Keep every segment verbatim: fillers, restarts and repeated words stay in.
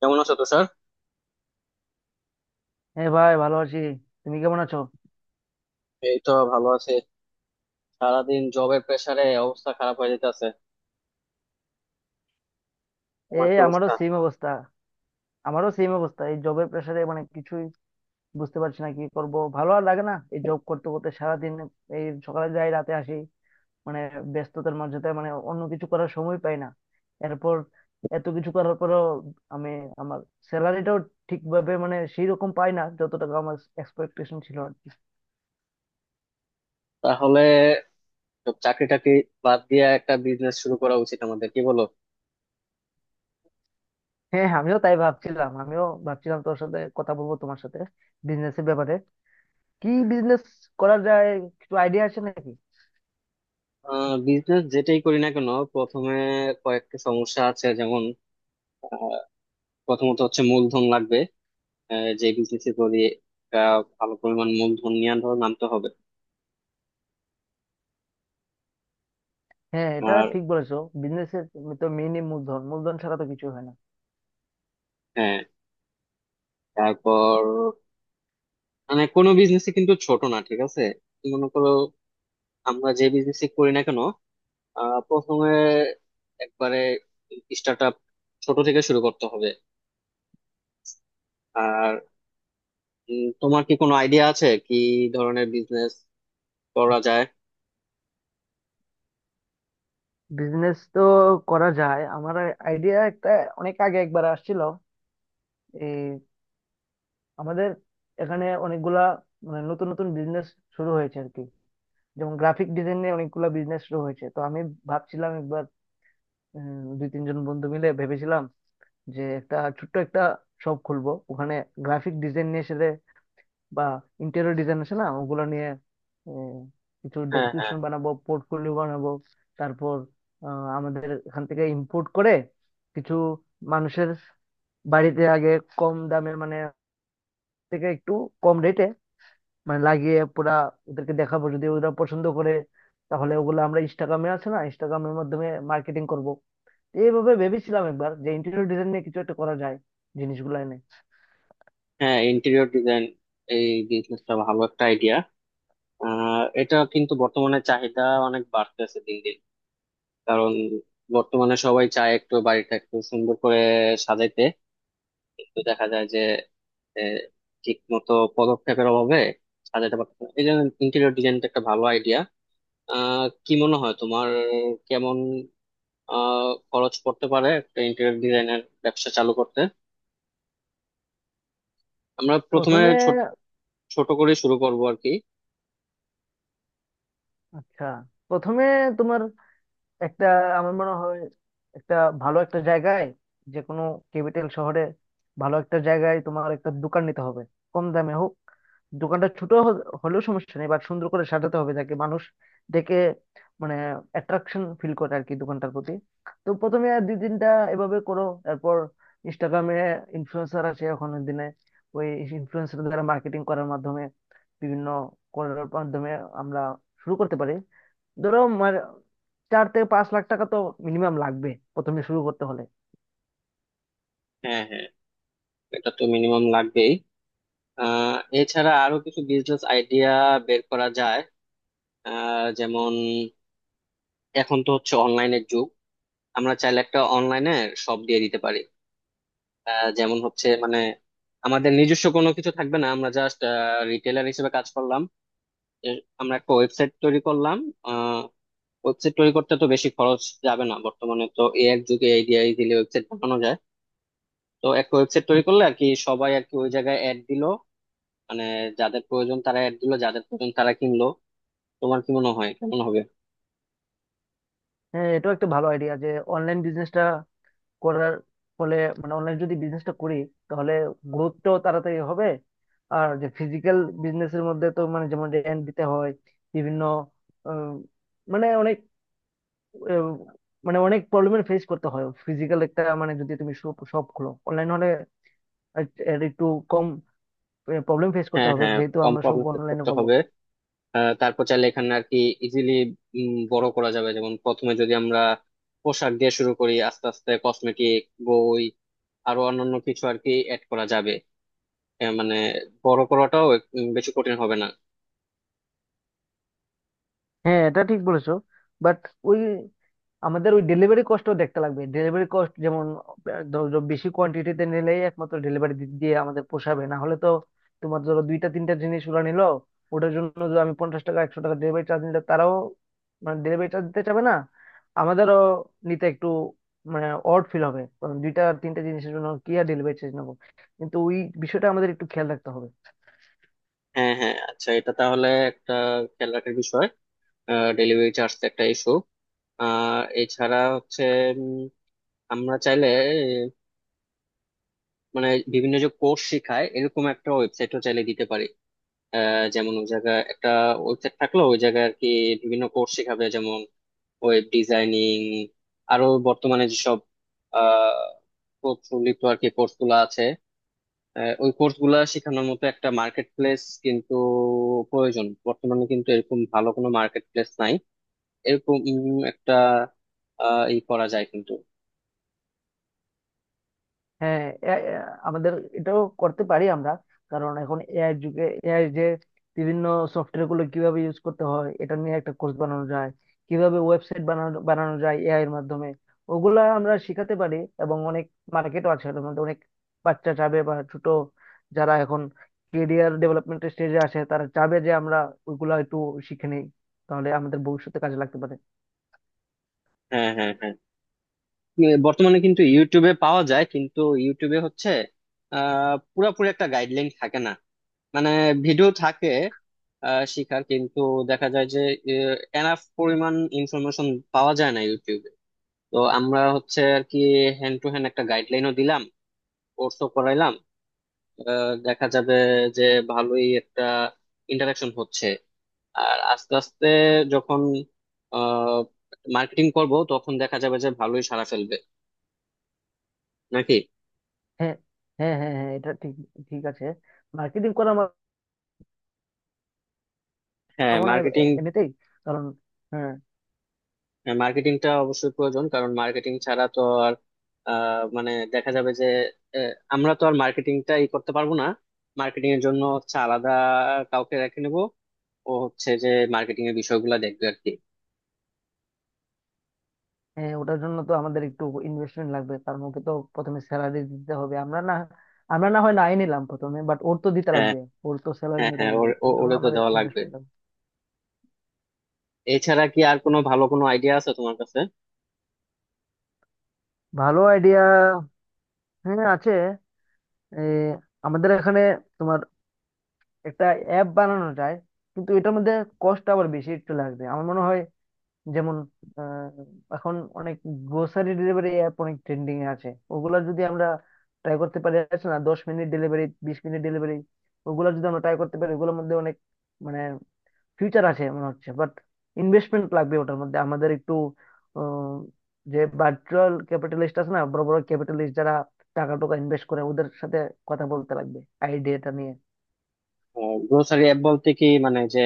কেমন আছো, তুষার? হ্যাঁ ভাই, ভালো আছি। তুমি কেমন আছো? এই তো ভালো আছি। সারাদিন জবের প্রেসারে অবস্থা খারাপ হয়ে যেতেছে। আমার এই, কি আমারও অবস্থা? সেম অবস্থা আমারও সেম অবস্থা। এই জবের প্রেশারে মানে কিছুই বুঝতে পারছি না কি করব। ভালো আর লাগে না এই জব করতে করতে সারাদিন। এই সকালে যাই রাতে আসি, মানে ব্যস্ততার মাঝে তো মানে অন্য কিছু করার সময় পাই না। এরপর এত কিছু করার পরেও আমি আমার স্যালারিটাও ঠিকভাবে মানে সেই রকম পাই না, যত টাকা আমার এক্সপেকটেশন ছিল আর কি। তাহলে সব চাকরি টাকরি বাদ দিয়ে একটা বিজনেস শুরু করা উচিত আমাদের, কি বলো? হ্যাঁ, আমিও তাই ভাবছিলাম। আমিও ভাবছিলাম তোর সাথে কথা বলবো, তোমার সাথে বিজনেসের ব্যাপারে। কি বিজনেস করা যায়? কিছু আইডিয়া আছে নাকি? বিজনেস যেটাই করি না কেন প্রথমে কয়েকটা সমস্যা আছে, যেমন আহ, প্রথমত হচ্ছে মূলধন লাগবে। আহ, যে বিজনেস করি একটা ভালো পরিমাণ মূলধন নিয়ে ধরো নামতে হবে। হ্যাঁ, এটা আর ঠিক বলেছো। বিজনেসের তো মেইনই মূলধন। মূলধন ছাড়া তো কিছু হয় না। হ্যাঁ, তারপর মানে কোনো বিজনেসই কিন্তু ছোট না, ঠিক আছে। মনে করো আমরা যে বিজনেস করি না কেন আহ প্রথমে একবারে স্টার্ট আপ ছোট থেকে শুরু করতে হবে। আর উম, তোমার কি কোনো আইডিয়া আছে, কি ধরনের বিজনেস করা যায়? বিজনেস তো করা যায়। আমার আইডিয়া একটা অনেক আগে একবার আসছিল। এই আমাদের এখানে অনেকগুলা মানে নতুন নতুন বিজনেস শুরু হয়েছে আর কি। যেমন গ্রাফিক ডিজাইন নিয়ে অনেকগুলা বিজনেস শুরু হয়েছে, তো আমি ভাবছিলাম একবার, উম, দুই তিনজন বন্ধু মিলে ভেবেছিলাম যে একটা ছোট্ট একটা শপ খুলবো, ওখানে গ্রাফিক ডিজাইন নিয়ে বা ইন্টেরিয়র ডিজাইন আছে না, ওগুলো নিয়ে আহ, কিছু হ্যাঁ, হ্যাঁ, ডেসক্রিপশন বানাবো, পোর্টফোলিও বানাবো। তারপর আহ, আমাদের এখান থেকে ইম্পোর্ট করে কিছু মানুষের বাড়িতে আগে কম দামে, মানে থেকে একটু কম রেটে মানে লাগিয়ে পুরা ওদেরকে দেখাবো। যদি ওরা পছন্দ করে, তাহলে ওগুলো আমরা ইনস্টাগ্রামে আছে না, ইনস্টাগ্রামের মাধ্যমে মার্কেটিং করব। এইভাবে ভেবেছিলাম একবার যে ইন্টেরিয়র ডিজাইন নিয়ে কিছু একটা করা যায়, জিনিসগুলো এনে। হ্যাঁ। ইন্টেরিয়র ডিজাইন, এই বিজনেসটা ভালো একটা আইডিয়া। আহ এটা কিন্তু বর্তমানে চাহিদা অনেক বাড়তেছে দিন দিন। কারণ বর্তমানে সবাই চায় একটু বাড়িটা একটু সুন্দর করে সাজাইতে, কিন্তু দেখা যায় যে ঠিক মতো পদক্ষেপের অভাবে সাজাতে পারতেছে না। এই জন্য ইন্টেরিয়র ডিজাইনটা একটা ভালো আইডিয়া। আহ কি মনে হয় তোমার, কেমন আহ খরচ পড়তে পারে একটা ইন্টেরিয়র ডিজাইনের ব্যবসা চালু করতে? আমরা প্রথমে প্রথমে। ছোট ছোট করে শুরু করব আর কি। আচ্ছা, প্রথমে তোমার একটা, আমার মনে হয় একটা ভালো একটা জায়গায়, যে কোনো ক্যাপিটাল শহরে ভালো একটা জায়গায় তোমার একটা দোকান নিতে হবে। কম দামে হোক, দোকানটা ছোট হ- হলেও সমস্যা নেই, বাট সুন্দর করে সাজাতে হবে যাতে মানুষ দেখে মানে অ্যাট্রাকশন ফিল করে আর কি দোকানটার প্রতি। তো প্রথমে আর দুই তিনটা এভাবে করো, তারপর ইনস্টাগ্রামে ইনফ্লুয়েন্সার আছে এখনের দিনে, ওই ইনফ্লুয়েন্সার দ্বারা মার্কেটিং করার মাধ্যমে, বিভিন্ন করার মাধ্যমে আমরা শুরু করতে পারি। ধরো মানে চার থেকে পাঁচ লাখ টাকা তো মিনিমাম লাগবে প্রথমে শুরু করতে হলে। হ্যাঁ, হ্যাঁ, এটা তো মিনিমাম লাগবেই। আহ এছাড়া আরো কিছু বিজনেস আইডিয়া বের করা যায়। আহ যেমন এখন তো হচ্ছে অনলাইনের যুগ, আমরা চাইলে একটা অনলাইনে শপ দিয়ে দিতে পারি। আহ যেমন হচ্ছে মানে আমাদের নিজস্ব কোনো কিছু থাকবে না, আমরা জাস্ট রিটেলার হিসেবে কাজ করলাম। এর- আমরা একটা ওয়েবসাইট তৈরি করলাম। ওয়েবসাইট তৈরি করতে তো বেশি খরচ যাবে না, বর্তমানে তো এ এক যুগে এই দিয়ে ইজিলি ওয়েবসাইট বানানো যায়। তো একটা ওয়েবসাইট তৈরি করলে আর কি সবাই আর কি ওই জায়গায় অ্যাড দিলো, মানে যাদের প্রয়োজন তারা অ্যাড দিলো, যাদের প্রয়োজন তারা কিনলো। তোমার কি মনে হয়, কেমন হবে? হ্যাঁ, এটাও একটা ভালো আইডিয়া যে অনলাইন বিজনেসটা করার ফলে, মানে অনলাইন যদি বিজনেসটা করি, তাহলে গ্রোথটাও তাড়াতাড়ি হবে। আর যে ফিজিক্যাল বিজনেসের মধ্যে তো মানে যেমন রেন্ট দিতে হয় বিভিন্ন, উম, মানে অনেক উম, মানে অনেক প্রবলেমের ফেস করতে হয় ফিজিক্যাল একটা, মানে যদি তুমি সব খোলো। অনলাইন হলে এর- এর একটু কম প্রবলেম ফেস করতে হ্যাঁ, হবে, হ্যাঁ। যেহেতু কম আমরা সব প্রবলেম অনলাইনে করতে করবো। হবে। আহ, তারপর চাইলে এখানে আর কি ইজিলি বড় করা যাবে। যেমন প্রথমে যদি আমরা পোশাক দিয়ে শুরু করি, আস্তে আস্তে কসমেটিক, বই, আরো অন্যান্য কিছু আর কি অ্যাড করা যাবে। এ মানে বড় করাটাও এক- উম, বেশি কঠিন হবে না। হ্যাঁ, এটা ঠিক বলেছো। বাট ওই, আমাদের ওই ডেলিভারি কস্ট দেখতে লাগবে। ডেলিভারি কস্ট যেমন, আহ, ধরো বেশি কোয়ান্টিটিতে নিলেই একমাত্র ডেলিভারি দিয়ে আমাদের পোষাবে, না হলে তো তোমার ধরো দুইটা তিনটা জিনিস ওরা নিলো, ওটার জন্য যদি আমি পঞ্চাশ টাকা একশো টাকা ডেলিভারি চার্জ নিলে তারাও মানে ডেলিভারি চার্জ দিতে চাবে না, আমাদেরও নিতে একটু মানে অড ফিল হবে, কারণ দুইটা তিনটা জিনিসের জন্য কি আর ডেলিভারি চার্জ নেবো। কিন্তু ওই বিষয়টা আমাদের একটু খেয়াল রাখতে হবে। হ্যাঁ, হ্যাঁ, আচ্ছা। এটা তাহলে একটা খেয়াল রাখার বিষয়, ডেলিভারি চার্জ একটা ইস্যু। আর এছাড়া হচ্ছে উম, আমরা চাইলে আহ, মানে বিভিন্ন যে কোর্স শেখায় এরকম একটা ওয়েবসাইটও চাইলে দিতে পারি। আহ, যেমন ওই জায়গায় একটা ওয়েবসাইট থাকলো, ওই জায়গায় আর কি বিভিন্ন কোর্স শেখাবে। যেমন ওয়েব ডিজাইনিং, আরো বর্তমানে যেসব আহ পোর্টফোলিও আর কি কোর্স গুলো আছে। আহ, ওই কোর্স গুলা শেখানোর মতো একটা মার্কেট প্লেস কিন্তু প্রয়োজন। বর্তমানে কিন্তু এরকম ভালো কোনো মার্কেট প্লেস নাই। এরকম উম, একটা আহ, ই করা যায় কিন্তু। হ্যাঁ, এ- এ- আমাদের এটাও করতে পারি আমরা। কারণ এখন এআই যুগে, এআই যে বিভিন্ন সফটওয়্যার গুলো কিভাবে ইউজ করতে হয়, এটা নিয়ে একটা কোর্স বানানো যায়। কিভাবে ওয়েবসাইট বানানো বানানো যায় এআই এর মাধ্যমে, ওগুলা আমরা শিখাতে পারি। এবং অনেক মার্কেটও আছে এটার মধ্যে। অনেক বাচ্চা চাবে বা ছোট, যারা এখন কেরিয়ার ডেভেলপমেন্টের স্টেজে আসে, তারা চাবে যে আমরা ওইগুলা একটু শিখে নেই, তাহলে আমাদের ভবিষ্যতে কাজে লাগতে পারে। হ্যাঁ, হ্যাঁ, হ্যাঁ। এ, বর্তমানে কিন্তু ইউটিউবে পাওয়া যায়, কিন্তু ইউটিউবে হচ্ছে আহ পুরাপুরি একটা গাইডলাইন থাকে না। মানে ভিডিও থাকে আহ শিখার, কিন্তু দেখা যায় যে এনাফ পরিমাণ ইনফরমেশন পাওয়া যায় না ইউটিউবে। তো আমরা হচ্ছে আর কি হ্যান্ড টু হ্যান্ড একটা গাইডলাইনও দিলাম, কোর্সও করাইলাম। আহ, দেখা যাবে যে ভালোই একটা ইন্টারাকশন হচ্ছে। আর আস্তে আস্তে যখন মার্কেটিং করব তখন দেখা যাবে যে ভালোই সাড়া ফেলবে নাকি। হ্যাঁ, হ্যাঁ, হ্যাঁ, হ্যাঁ, এটা ঠিক। ঠিক আছে। মার্কেটিং করা হ্যাঁ, পারবো না এ- এ- মার্কেটিং এমনিতেই, কারণ হ্যাঁ। মার্কেটিংটা অবশ্যই প্রয়োজন, কারণ মার্কেটিং ছাড়া তো আর আহ, মানে দেখা যাবে যে আহ, আমরা তো আর মার্কেটিংটা ই করতে পারবো না। মার্কেটিং এর জন্য হচ্ছে আলাদা কাউকে রেখে নেবো। ও হচ্ছে যে মার্কেটিং এর বিষয়গুলো দেখবে আর কি। হ্যাঁ, ওটার জন্য তো আমাদের একটু ইনভেস্টমেন্ট লাগবে, কারণ ওকে তো প্রথমে স্যালারি দিতে হবে। আমরা না আমরা না হয় নাই নিলাম প্রথমে, বাট ওর তো দিতে হ্যাঁ, লাগবে। ওর তো স্যালারি হ্যাঁ, নিতে হ্যাঁ। লাগবে, ওর- ওর ও- জন্য ওরে তো আমাদের দেওয়া লাগবে। ইনভেস্টমেন্ট লাগবে। এছাড়া কি আর কোনো ভালো কোনো আইডিয়া আছে তোমার কাছে? ভালো আইডিয়া? হ্যাঁ, আছে। এ, আমাদের এখানে তোমার একটা অ্যাপ বানানো যায়, কিন্তু এটার মধ্যে কষ্ট আবার বেশি একটু লাগবে আমার মনে হয়। যেমন আহ, এখন অনেক গ্রোসারি ডেলিভারি অ্যাপ অনেক ট্রেন্ডিং এ আছে। ওগুলা যদি আমরা ট্রাই করতে পারি, আছে না, দশ মিনিট ডেলিভারি, বিশ মিনিট ডেলিভারি, ওগুলা যদি আমরা ট্রাই করতে পারি, ওগুলোর মধ্যে অনেক মানে ফিউচার আছে মনে হচ্ছে। বাট ইনভেস্টমেন্ট লাগবে ওটার মধ্যে আমাদের একটু। আহ, যে ভার্চুয়াল ক্যাপিটালিস্ট আছে না, বড় বড় ক্যাপিটালিস্ট যারা টাকা টাকা ইনভেস্ট করে, ওদের সাথে কথা বলতে লাগবে আইডিয়াটা নিয়ে। গ্রোসারি অ্যাপ বলতে কি, মানে যে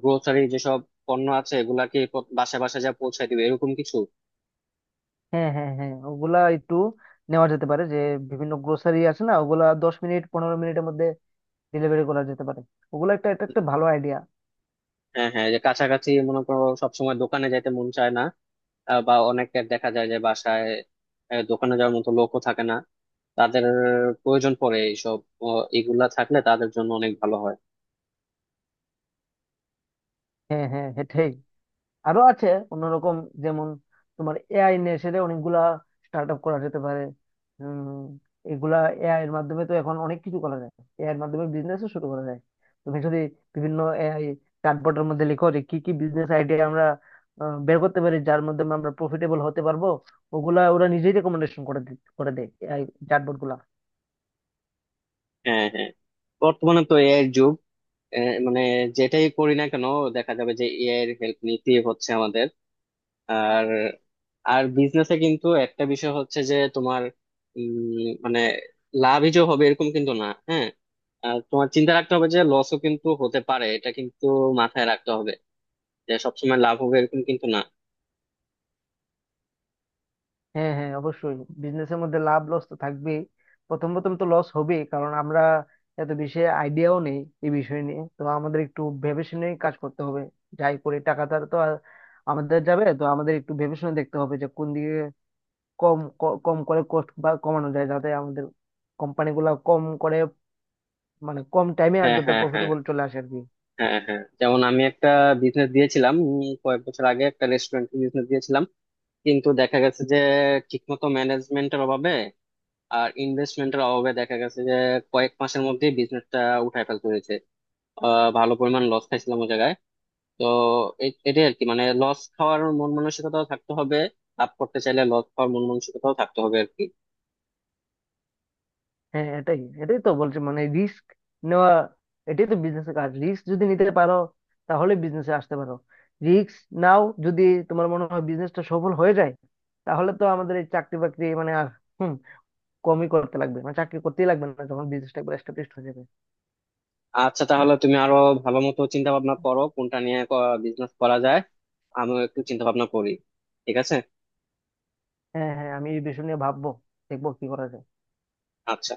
গ্রোসারি যেসব পণ্য আছে এগুলা কি প- বাসায় বাসায় যা পৌঁছায় দিবে এরকম কিছু? হ্যাঁ, হ্যাঁ, হ্যাঁ, ওগুলা একটু নেওয়া যেতে পারে, যে বিভিন্ন গ্রোসারি আছে না, ওগুলা দশ মিনিট পনেরো মিনিটের মধ্যে ডেলিভারি করা যেতে পারে। ওগুলো একটা, এটা একটা ভালো আইডিয়া। হ্যাঁ, হ্যাঁ। যে কাছাকাছি মনে করো সবসময় দোকানে যাইতে মন চায় না। আহ, বা অনেকের দেখা যায় যে বাসায় আহ, দোকানে যাওয়ার মতো লোকও থাকে না। তাদের প্রয়োজন পড়ে এইসব। ও, এগুলা থাকলে তাদের জন্য অনেক ভালো হয়। হ্যাঁ, হ্যাঁ, সেটাই। আরো আছে অন্যরকম। যেমন তোমার এআই নিয়ে এসে অনেকগুলা স্টার্ট আপ করা যেতে পারে। উম এগুলা এআই এর মাধ্যমে তো এখন অনেক কিছু করা যায়, এআই এর মাধ্যমে বিজনেসও শুরু করা যায়। তুমি যদি বিভিন্ন এআই চ্যাটবটের মধ্যে লিখো যে কি কি বিজনেস আইডিয়া আমরা আহ, বের করতে পারি, যার মাধ্যমে আমরা প্রফিটেবল হতে পারবো, ওগুলা ওরা নিজেই রেকমেন্ডেশন করে দি- করে দেয়, এআই চ্যাটবট। হ্যাঁ, হ্যাঁ। বর্তমানে তো এআই এর যুগ। আহ, মানে যেটাই করি না কেন দেখা যাবে যে এআই এর হেল্প নিতে হচ্ছে আমাদের। আর আর বিজনেসে কিন্তু একটা বিষয় হচ্ছে যে তোমার উম, মানে লাভই যে হবে এরকম কিন্তু না, হ্যাঁ। আর তোমার চিন্তা রাখতে হবে যে লসও কিন্তু হতে পারে, এটা কিন্তু মাথায় রাখতে হবে, যে সবসময় লাভ হবে এরকম কিন্তু না। হ্যাঁ, হ্যাঁ, অবশ্যই। বিজনেসের মধ্যে লাভ লস তো থাকবেই। প্রথম প্রথম তো লস হবেই, কারণ আমরা এত বেশি আইডিয়াও নেই। এই বিষয় নিয়ে তো আমাদের একটু ভেবে শুনে কাজ করতে হবে। যাই করে টাকাটা তো আর আমাদের যাবে, তো আমাদের একটু ভেবে শুনে দেখতে হবে যে কোন দিকে কম ক- কম করে কষ্ট বা কমানো যায়, যাতে আমাদের কোম্পানিগুলো কম করে, মানে কম টাইমে আর হ্যাঁ, যাতে হ্যাঁ, হ্যাঁ, প্রফিটেবল চলে আসে আর কি। হ্যাঁ, হ্যাঁ। যেমন আমি একটা বিজনেস দিয়েছিলাম উম, কয়েক বছর আগে একটা রেস্টুরেন্ট বিজনেস দিয়েছিলাম, কিন্তু দেখা গেছে যে ঠিকমতো ম্যানেজমেন্টের অভাবে আর ইনভেস্টমেন্টের অভাবে দেখা গেছে যে কয়েক মাসের মধ্যেই বিজনেসটা উঠায় ফেলতে হয়েছে। আহ ভালো পরিমাণ লস খাইছিলাম ওই জায়গায়। তো এ- এটাই আর কি মানে লস খাওয়ার মন মানসিকতাও থাকতে হবে। লাভ করতে চাইলে লস খাওয়ার মন মানসিকতাও থাকতে হবে আর কি। হ্যাঁ, এটাই এটাই তো বলছি, মানে রিস্ক নেওয়া এটাই তো বিজনেসের কাজ। রিস্ক যদি নিতে পারো, তাহলে বিজনেসে আসতে পারো। রিস্ক নাও, যদি তোমার মনে হয় বিজনেসটা সফল হয়ে যায়, তাহলে তো আমাদের এই চাকরি বাকরি মানে আর, হুম, কমই করতে লাগবে, মানে চাকরি করতেই লাগবে না যখন বিজনেসটা একবার এস্টাবলিশ হয়ে যাবে। আচ্ছা, তাহলে তুমি আরো ভালো মতো চিন্তা ভাবনা করো কোনটা নিয়ে বিজনেস করা যায়। আমিও একটু চিন্তা ভাবনা করি, ঠিক আছে? হ্যাঁ, হ্যাঁ, আমি এই বিষয় নিয়ে ভাববো, দেখবো কি করা যায়। আচ্ছা।